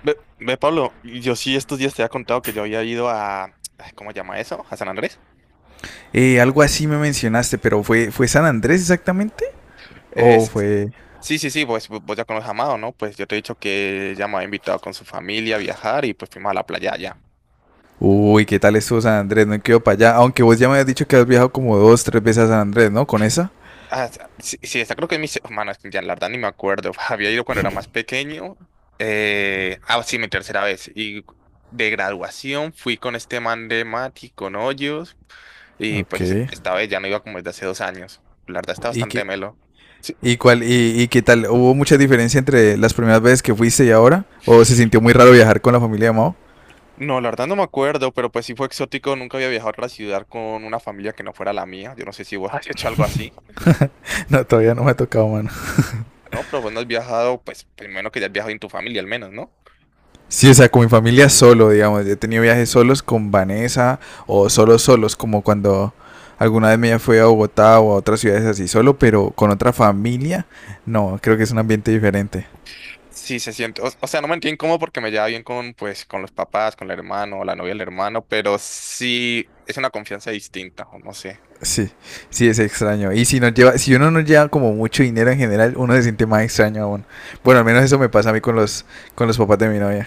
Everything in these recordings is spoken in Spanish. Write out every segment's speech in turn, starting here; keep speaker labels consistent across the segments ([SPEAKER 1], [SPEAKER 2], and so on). [SPEAKER 1] Ve, ve, Pablo, yo sí estos días te había contado que yo había ido ay, ¿cómo se llama eso? ¿A San Andrés?
[SPEAKER 2] Algo así me mencionaste, pero ¿fue San Andrés exactamente? ¿O
[SPEAKER 1] Es-
[SPEAKER 2] fue?
[SPEAKER 1] sí, sí, sí, pues vos ya conoces a Amado, ¿no? Pues yo te he dicho que ya me había invitado con su familia a viajar y pues fuimos a la playa allá.
[SPEAKER 2] Uy, ¿qué tal estuvo San Andrés? No quedo para allá. Aunque vos ya me has dicho que has viajado como dos, tres veces a San Andrés, ¿no? Con esa.
[SPEAKER 1] Ah, sí, sí, esa creo que es mi mano, es que ya la verdad ni me acuerdo. Había ido cuando era más pequeño. Sí, mi tercera vez. Y de graduación fui con este man de Mati, con Hoyos. Y
[SPEAKER 2] Ok.
[SPEAKER 1] pues esta vez ya no iba como desde hace 2 años. La verdad está
[SPEAKER 2] ¿Y
[SPEAKER 1] bastante
[SPEAKER 2] qué,
[SPEAKER 1] melo. Sí.
[SPEAKER 2] y cuál, y qué tal? ¿Hubo mucha diferencia entre las primeras veces que fuiste y ahora? ¿O se sintió muy raro viajar con la familia de Mao?
[SPEAKER 1] No, la verdad no me acuerdo, pero pues sí fue exótico. Nunca había viajado a otra ciudad con una familia que no fuera la mía. Yo no sé si vos has hecho algo así.
[SPEAKER 2] No, todavía no me ha tocado, mano.
[SPEAKER 1] Mm. No, pero vos no has viajado, pues primero que ya has viajado en tu familia al menos, ¿no?
[SPEAKER 2] Sí, o sea, con mi familia solo, digamos. Yo he tenido viajes solos con Vanessa o solos solos, como cuando alguna vez me fui a Bogotá o a otras ciudades así solo, pero con otra familia, no, creo que es un ambiente diferente.
[SPEAKER 1] Sí, se siente. O sea, no me entiendo cómo porque me lleva bien con, pues, con los papás, con el hermano, la novia del hermano, pero sí es una confianza distinta, o no sé.
[SPEAKER 2] Sí, sí es extraño. Y si nos lleva, si uno no lleva como mucho dinero en general, uno se siente más extraño aún. Bueno, al menos eso me pasa a mí con los papás de mi novia.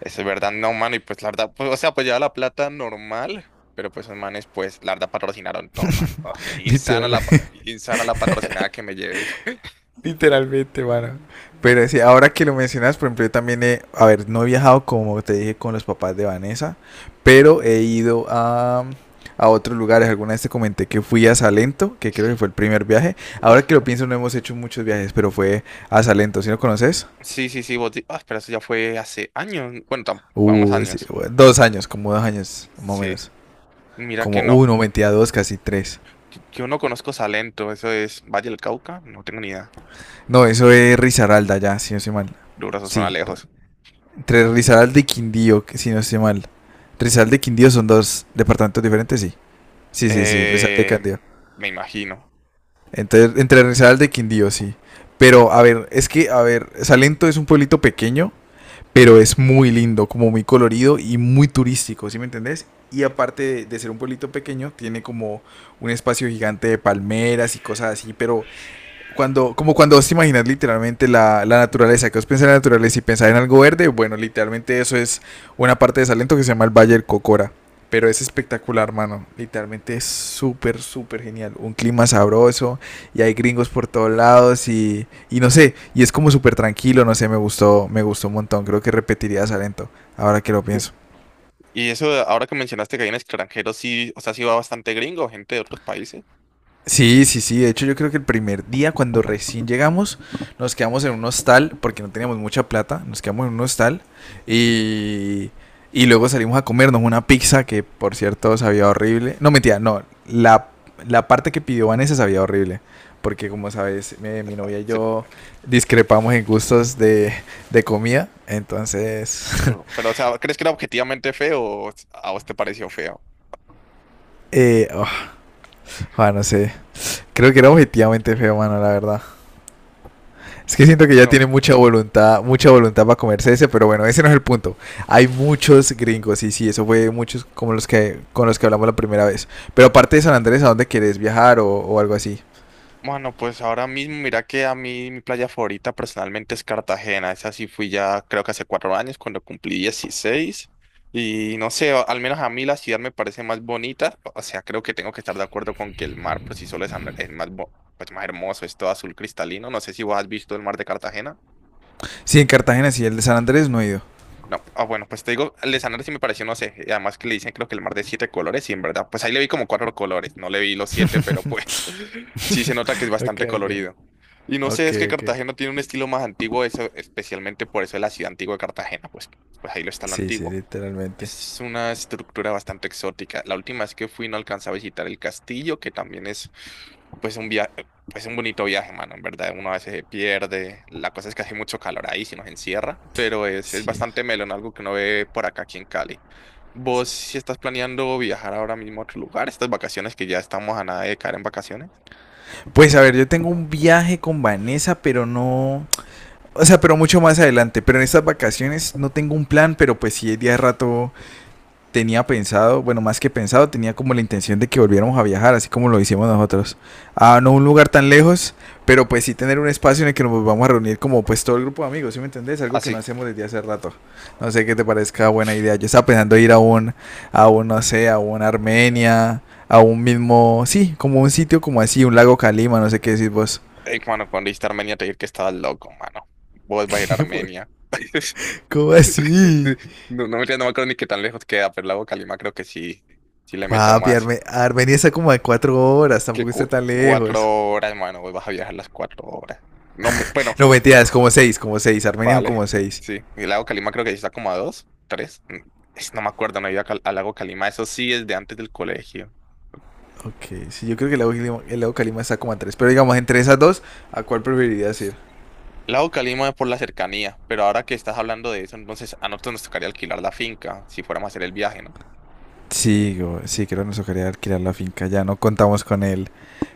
[SPEAKER 1] Es verdad, no, mano. Y pues la verdad, pues, o sea, pues lleva la plata normal. Pero pues esos manes, pues, la verdad patrocinaron todo, mano. Ah,
[SPEAKER 2] Literalmente.
[SPEAKER 1] insana la patrocinada que me llevé. Ayer.
[SPEAKER 2] Literalmente, mano. Pero sí, ahora que lo mencionas, por ejemplo, yo también he, a ver, no he viajado como te dije con los papás de Vanessa, pero he ido a otros lugares. Alguna vez te comenté que fui a Salento, que creo que fue el primer viaje. Ahora que
[SPEAKER 1] Uf,
[SPEAKER 2] lo pienso, no hemos hecho muchos viajes, pero fue a Salento, ¿sí lo conoces?
[SPEAKER 1] sí, sí, sí, ah, pero eso ya fue hace años. Bueno, unos
[SPEAKER 2] Sí,
[SPEAKER 1] años.
[SPEAKER 2] bueno, dos años, como dos años, más o
[SPEAKER 1] Sí.
[SPEAKER 2] menos.
[SPEAKER 1] Mira que
[SPEAKER 2] Como
[SPEAKER 1] no.
[SPEAKER 2] uno, mentira, dos, casi tres.
[SPEAKER 1] Yo no conozco Salento. Eso es Valle del Cauca. No tengo ni idea.
[SPEAKER 2] No, eso es Risaralda ya, si no soy mal.
[SPEAKER 1] Duro, eso suena
[SPEAKER 2] Sí,
[SPEAKER 1] lejos.
[SPEAKER 2] entre Rizal de Quindío, que si no estoy mal. Rizal de Quindío son dos departamentos diferentes, sí. Sí, sí, sí, Rizal de
[SPEAKER 1] Eh,
[SPEAKER 2] Quindío.
[SPEAKER 1] Me imagino.
[SPEAKER 2] Entonces entre Rizal de Quindío, sí. Pero, a ver, es que, a ver, Salento es un pueblito pequeño, pero es muy lindo, como muy colorido y muy turístico, ¿sí me entendés? Y aparte de ser un pueblito pequeño, tiene como un espacio gigante de palmeras y cosas así, pero cuando, como cuando vos te imaginas literalmente la naturaleza, que vos pensás en la naturaleza y pensás en algo verde, bueno, literalmente eso es una parte de Salento que se llama el Valle del Cocora. Pero es espectacular, mano. Literalmente es súper, súper genial. Un clima sabroso y hay gringos por todos lados y no sé, y es como súper tranquilo, no sé, me gustó un montón. Creo que repetiría Salento, ahora que lo
[SPEAKER 1] Sí.
[SPEAKER 2] pienso.
[SPEAKER 1] Y eso, ahora que mencionaste que hay en extranjero, sí, o sea, sí va bastante gringo, gente de otros países.
[SPEAKER 2] Sí, sí, sí. De hecho, yo creo que el primer día, cuando recién llegamos, nos quedamos en un hostal, porque no teníamos mucha plata, nos quedamos en un hostal y, y luego salimos a comernos una pizza que, por cierto, sabía horrible. No, mentira, no. La parte que pidió Vanessa sabía horrible, porque como sabes, mi
[SPEAKER 1] Ah,
[SPEAKER 2] novia y
[SPEAKER 1] se-
[SPEAKER 2] yo discrepamos en gustos de comida, entonces,
[SPEAKER 1] Pero, o sea, ¿crees que era objetivamente feo o a vos te pareció feo?
[SPEAKER 2] oh, ah, no sé. Creo que era objetivamente feo, mano, la verdad. Es que siento que ya
[SPEAKER 1] No.
[SPEAKER 2] tiene mucha voluntad para comerse ese, pero bueno, ese no es el punto. Hay muchos gringos, y sí, eso fue muchos como los que con los que hablamos la primera vez. Pero aparte de San Andrés, ¿a dónde quieres viajar o algo así?
[SPEAKER 1] Bueno, pues ahora mismo, mira que a mí mi playa favorita personalmente es Cartagena. Esa sí fui ya creo que hace 4 años cuando cumplí 16. Y no sé, al menos a mí la ciudad me parece más bonita. O sea, creo que tengo que estar de acuerdo con que el mar por sí solo es Andrés, más hermoso, es todo azul cristalino. No sé si vos has visto el mar de Cartagena.
[SPEAKER 2] Sí, en Cartagena sí, el de San Andrés no he ido.
[SPEAKER 1] No, bueno, pues te digo, el de Sanare sí me pareció, no sé, y además que le dicen creo que el mar de siete colores, y en verdad, pues ahí le vi como cuatro colores, no le vi los siete, pero pues sí se nota que es
[SPEAKER 2] Ok,
[SPEAKER 1] bastante
[SPEAKER 2] ok.
[SPEAKER 1] colorido. Y no sé,
[SPEAKER 2] Ok,
[SPEAKER 1] es que
[SPEAKER 2] ok.
[SPEAKER 1] Cartagena tiene un estilo más antiguo, eso, especialmente por eso es la ciudad antigua de Cartagena, pues ahí lo está lo
[SPEAKER 2] Sí, sí,
[SPEAKER 1] antiguo.
[SPEAKER 2] literalmente.
[SPEAKER 1] Es una estructura bastante exótica. La última vez que fui no alcancé a visitar el castillo, que también es pues pues un bonito viaje, mano, en verdad. Uno a veces se pierde. La cosa es que hace mucho calor ahí, si nos encierra, pero es
[SPEAKER 2] Sí.
[SPEAKER 1] bastante melón, algo que uno ve por acá aquí en Cali.
[SPEAKER 2] Sí.
[SPEAKER 1] ¿Vos si estás planeando viajar ahora mismo a otro lugar, estas vacaciones que ya estamos a nada de caer en vacaciones?
[SPEAKER 2] Pues a ver, yo tengo un viaje con Vanessa, pero no. O sea, pero mucho más adelante. Pero en estas vacaciones no tengo un plan, pero pues sí, de día de rato tenía pensado, bueno, más que pensado, tenía como la intención de que volviéramos a viajar, así como lo hicimos nosotros. A no un lugar tan lejos, pero pues sí tener un espacio en el que nos vamos a reunir como pues todo el grupo de amigos, ¿sí me entendés?
[SPEAKER 1] Ah,
[SPEAKER 2] Algo que no
[SPEAKER 1] sí.
[SPEAKER 2] hacemos desde hace rato. No sé qué te parezca buena idea. Yo estaba pensando ir no sé, a un Armenia, a un mismo, sí, como un sitio como así, un lago Calima, no sé qué decís vos.
[SPEAKER 1] Ey, mano, cuando dijiste Armenia te dije que estabas loco, mano. Vos vas a ir a Armenia.
[SPEAKER 2] ¿Cómo
[SPEAKER 1] Sí.
[SPEAKER 2] así?
[SPEAKER 1] No, no, mentira, no me acuerdo ni qué tan lejos queda, pero el lago Calima creo que sí, sí le meto
[SPEAKER 2] Papi,
[SPEAKER 1] más
[SPEAKER 2] Armenia está como a cuatro horas,
[SPEAKER 1] que
[SPEAKER 2] tampoco está tan lejos.
[SPEAKER 1] 4 horas, hermano, hoy vas a viajar las 4 horas. No me, bueno,
[SPEAKER 2] No, mentiras, como seis Armenia son
[SPEAKER 1] vale,
[SPEAKER 2] como seis.
[SPEAKER 1] sí, el lago Calima creo que sí está como a dos, tres, no me acuerdo, no he ido a al lago Calima, eso sí es de antes del colegio.
[SPEAKER 2] Ok, sí, yo creo que el lago Calima está como a 3. Pero digamos, entre esas dos, ¿a cuál preferirías ir?
[SPEAKER 1] El lago Calima es por la cercanía, pero ahora que estás hablando de eso, entonces a nosotros nos tocaría alquilar la finca si fuéramos a hacer el viaje, ¿no?
[SPEAKER 2] Sí, sí, creo que nos tocaría alquilar la finca. Ya no contamos con el,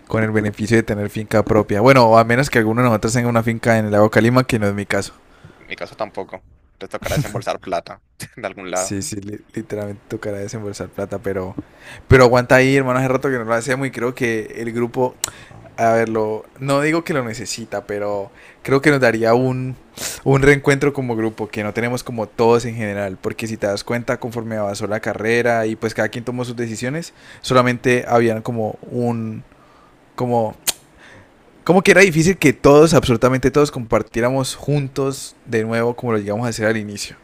[SPEAKER 2] con el beneficio de tener finca propia. Bueno, a menos que alguno de nosotros tenga una finca en el lago Calima, que no es mi caso.
[SPEAKER 1] En mi caso tampoco, te tocará desembolsar plata de algún lado.
[SPEAKER 2] Sí, sí, literalmente tocará desembolsar plata, pero aguanta ahí, hermano, hace rato que no lo hacemos y creo que el grupo a verlo, no digo que lo necesita, pero creo que nos daría un reencuentro como grupo que no tenemos como todos en general, porque si te das cuenta, conforme avanzó la carrera y pues cada quien tomó sus decisiones, solamente habían como, como que era difícil que todos, absolutamente todos, compartiéramos juntos de nuevo como lo llegamos a hacer al inicio.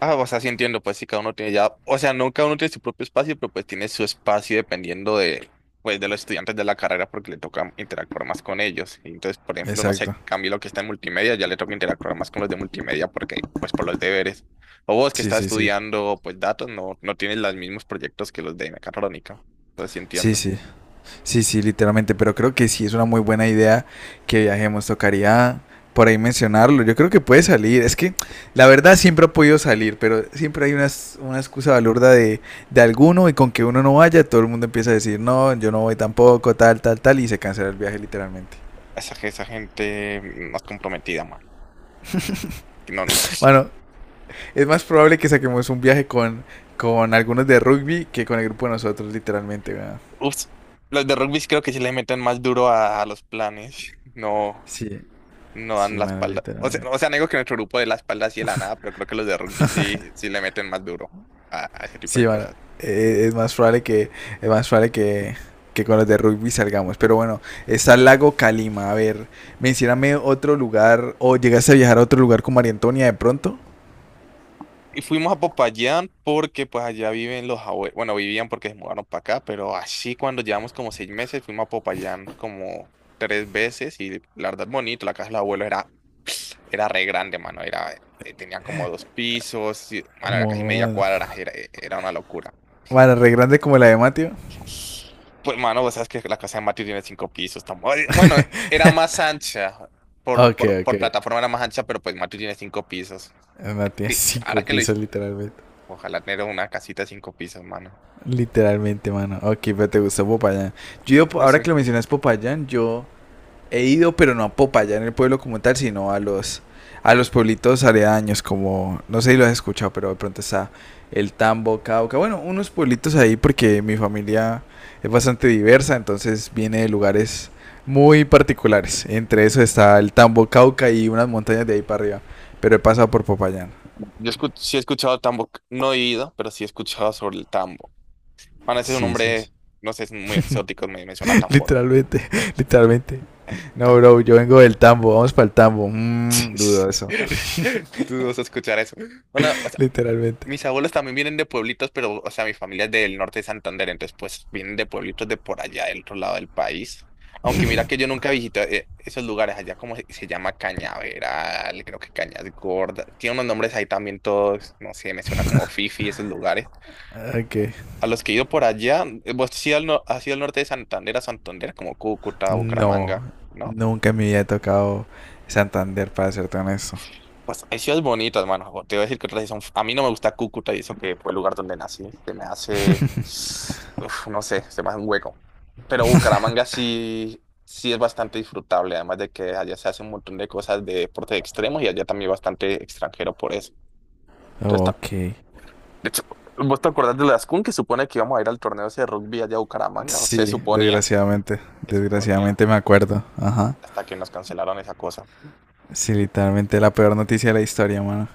[SPEAKER 1] Ah, o sea, sí entiendo, pues sí, cada uno tiene ya, o sea, no cada uno tiene su propio espacio, pero pues tiene su espacio dependiendo de, pues, de los estudiantes de la carrera porque le toca interactuar más con ellos. Y entonces, por ejemplo, no sé,
[SPEAKER 2] Exacto.
[SPEAKER 1] Camilo que está en multimedia, ya le toca interactuar más con los de multimedia porque, pues, por los deberes. O vos que
[SPEAKER 2] Sí,
[SPEAKER 1] estás
[SPEAKER 2] sí, sí.
[SPEAKER 1] estudiando, pues, datos, no, no tienes los mismos proyectos que los de mecatrónica. Entonces, sí
[SPEAKER 2] Sí,
[SPEAKER 1] entiendo.
[SPEAKER 2] sí. Sí, sí, literalmente, pero creo que sí es una muy buena idea que viajemos. Tocaría por ahí mencionarlo. Yo creo que puede salir. Es que la verdad siempre ha podido salir, pero siempre hay una excusa balurda de alguno y con que uno no vaya, todo el mundo empieza a decir, no, yo no voy tampoco, tal, tal, tal, y se cancela el viaje literalmente.
[SPEAKER 1] Esa gente más comprometida, man. Que no,
[SPEAKER 2] Bueno, es más probable que saquemos un viaje con algunos de rugby que con el grupo de nosotros, literalmente. ¿Verdad?
[SPEAKER 1] ups, los de rugby creo que sí le meten más duro a los planes. No.
[SPEAKER 2] Sí,
[SPEAKER 1] No dan
[SPEAKER 2] sí,
[SPEAKER 1] la
[SPEAKER 2] mano,
[SPEAKER 1] espalda. O sea,
[SPEAKER 2] literalmente.
[SPEAKER 1] o sea, no digo que nuestro grupo de la espalda así de la nada, pero creo que los de rugby sí, sí le meten más duro a ese tipo de
[SPEAKER 2] Sí, mano.
[SPEAKER 1] cosas.
[SPEAKER 2] eh, es más probable que, es más probable que con los de rugby salgamos. Pero bueno, está el lago Calima. A ver, mencioname otro lugar. ¿O llegaste a viajar a otro lugar con María Antonia de pronto?
[SPEAKER 1] Y fuimos a Popayán porque pues allá viven los abuelos, bueno, vivían porque se mudaron para acá, pero así cuando llevamos como 6 meses fuimos a Popayán como tres veces y la verdad bonito, la casa de los abuelos era re grande, mano, tenía como dos pisos, y, mano, era casi media
[SPEAKER 2] Bueno,
[SPEAKER 1] cuadra, era una locura.
[SPEAKER 2] bueno, re grande como la de Mateo.
[SPEAKER 1] Pues, mano, vos sabes que la casa de Mario tiene cinco pisos. Bueno, era más ancha. Por,
[SPEAKER 2] Ok,
[SPEAKER 1] por, por
[SPEAKER 2] ok.
[SPEAKER 1] plataforma era más ancha, pero pues Mario tiene cinco pisos.
[SPEAKER 2] No, tiene cinco
[SPEAKER 1] Ahora que lo hice,
[SPEAKER 2] pisos literalmente.
[SPEAKER 1] ojalá tener una casita de cinco pisos, mano.
[SPEAKER 2] Literalmente, mano. Ok, pero te gustó Popayán. Yo, he ido po-
[SPEAKER 1] No
[SPEAKER 2] Ahora
[SPEAKER 1] sé.
[SPEAKER 2] que lo mencionas Popayán, yo he ido, pero no a Popayán, en el pueblo como tal, sino a los pueblitos aledaños, como, no sé si lo has escuchado, pero de pronto está el Tambo, Cauca, bueno, unos pueblitos ahí porque mi familia es bastante diversa, entonces viene de lugares muy particulares. Entre eso está el Tambo, Cauca y unas montañas de ahí para arriba, pero he pasado por Popayán.
[SPEAKER 1] Sí he escuchado tambo, no he ido, pero sí he escuchado sobre el tambo. Mano, ese es un
[SPEAKER 2] Sí, sí, sí.
[SPEAKER 1] nombre, no sé, es muy exótico, me suena a tambor.
[SPEAKER 2] Literalmente, literalmente.
[SPEAKER 1] El
[SPEAKER 2] No,
[SPEAKER 1] tambo.
[SPEAKER 2] bro, yo vengo del tambo, vamos para el tambo. Dudo eso,
[SPEAKER 1] Tú vas a escuchar eso. Bueno,
[SPEAKER 2] literalmente.
[SPEAKER 1] mis abuelos también vienen de pueblitos, pero, o sea, mi familia es del norte de Santander, entonces, pues, vienen de pueblitos de por allá, del otro lado del país. Aunque mira que yo nunca visité esos lugares allá, como se llama Cañaveral, creo que Cañas Gordas. Tiene unos nombres ahí también todos, no sé, me suena como Fifi, esos lugares.
[SPEAKER 2] Ah, ok.
[SPEAKER 1] A los que he ido por allá, vos has ido al, no- has ido al norte de Santander, a Santander, como Cúcuta,
[SPEAKER 2] No,
[SPEAKER 1] Bucaramanga, ¿no?
[SPEAKER 2] nunca me había tocado Santander, para serte honesto.
[SPEAKER 1] Pues hay ciudades bonitas, mano. Te voy a decir que otras sí son. A mí no me gusta Cúcuta y eso que fue el lugar donde nací. Se me hace. Uf, no sé, se me hace un hueco. Pero Bucaramanga sí, sí es bastante disfrutable, además de que allá se hace un montón de cosas de deportes extremos y allá también hay bastante extranjero por eso. Entonces,
[SPEAKER 2] Ok.
[SPEAKER 1] de hecho, ¿vos te acordás de las Ascun que supone que íbamos a ir al torneo ese de rugby allá a Bucaramanga? O se
[SPEAKER 2] Sí,
[SPEAKER 1] suponía,
[SPEAKER 2] desgraciadamente,
[SPEAKER 1] se suponía
[SPEAKER 2] desgraciadamente me acuerdo. Ajá.
[SPEAKER 1] hasta que nos cancelaron esa cosa.
[SPEAKER 2] Sí, literalmente la peor noticia de la historia, mano.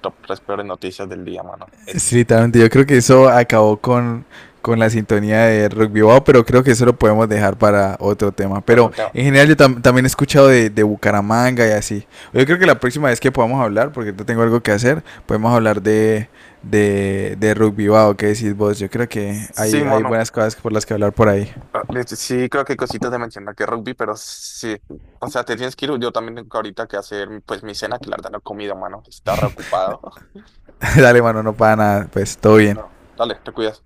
[SPEAKER 1] Top tres peores noticias del día, mano. Es
[SPEAKER 2] Sí, totalmente. Yo creo que eso acabó con, la sintonía de rock Wow, pero creo que eso lo podemos dejar para otro tema.
[SPEAKER 1] otro
[SPEAKER 2] Pero
[SPEAKER 1] tema.
[SPEAKER 2] en general yo también he escuchado de Bucaramanga y así. Yo creo que la próxima vez que podamos hablar, porque yo tengo algo que hacer, podemos hablar de, de rock Wow, ¿qué decís vos? Yo creo que
[SPEAKER 1] Sí,
[SPEAKER 2] hay
[SPEAKER 1] mano.
[SPEAKER 2] buenas cosas por las que hablar por ahí.
[SPEAKER 1] Ah, de Sí, creo que hay cositas de mencionar que rugby, pero sí, o sea, te tienes que ir, yo también tengo ahorita que hacer pues mi cena, que la verdad no he comido, mano, está reocupado.
[SPEAKER 2] Dale, mano, no para nada, pues todo bien.
[SPEAKER 1] No, dale, te cuidas.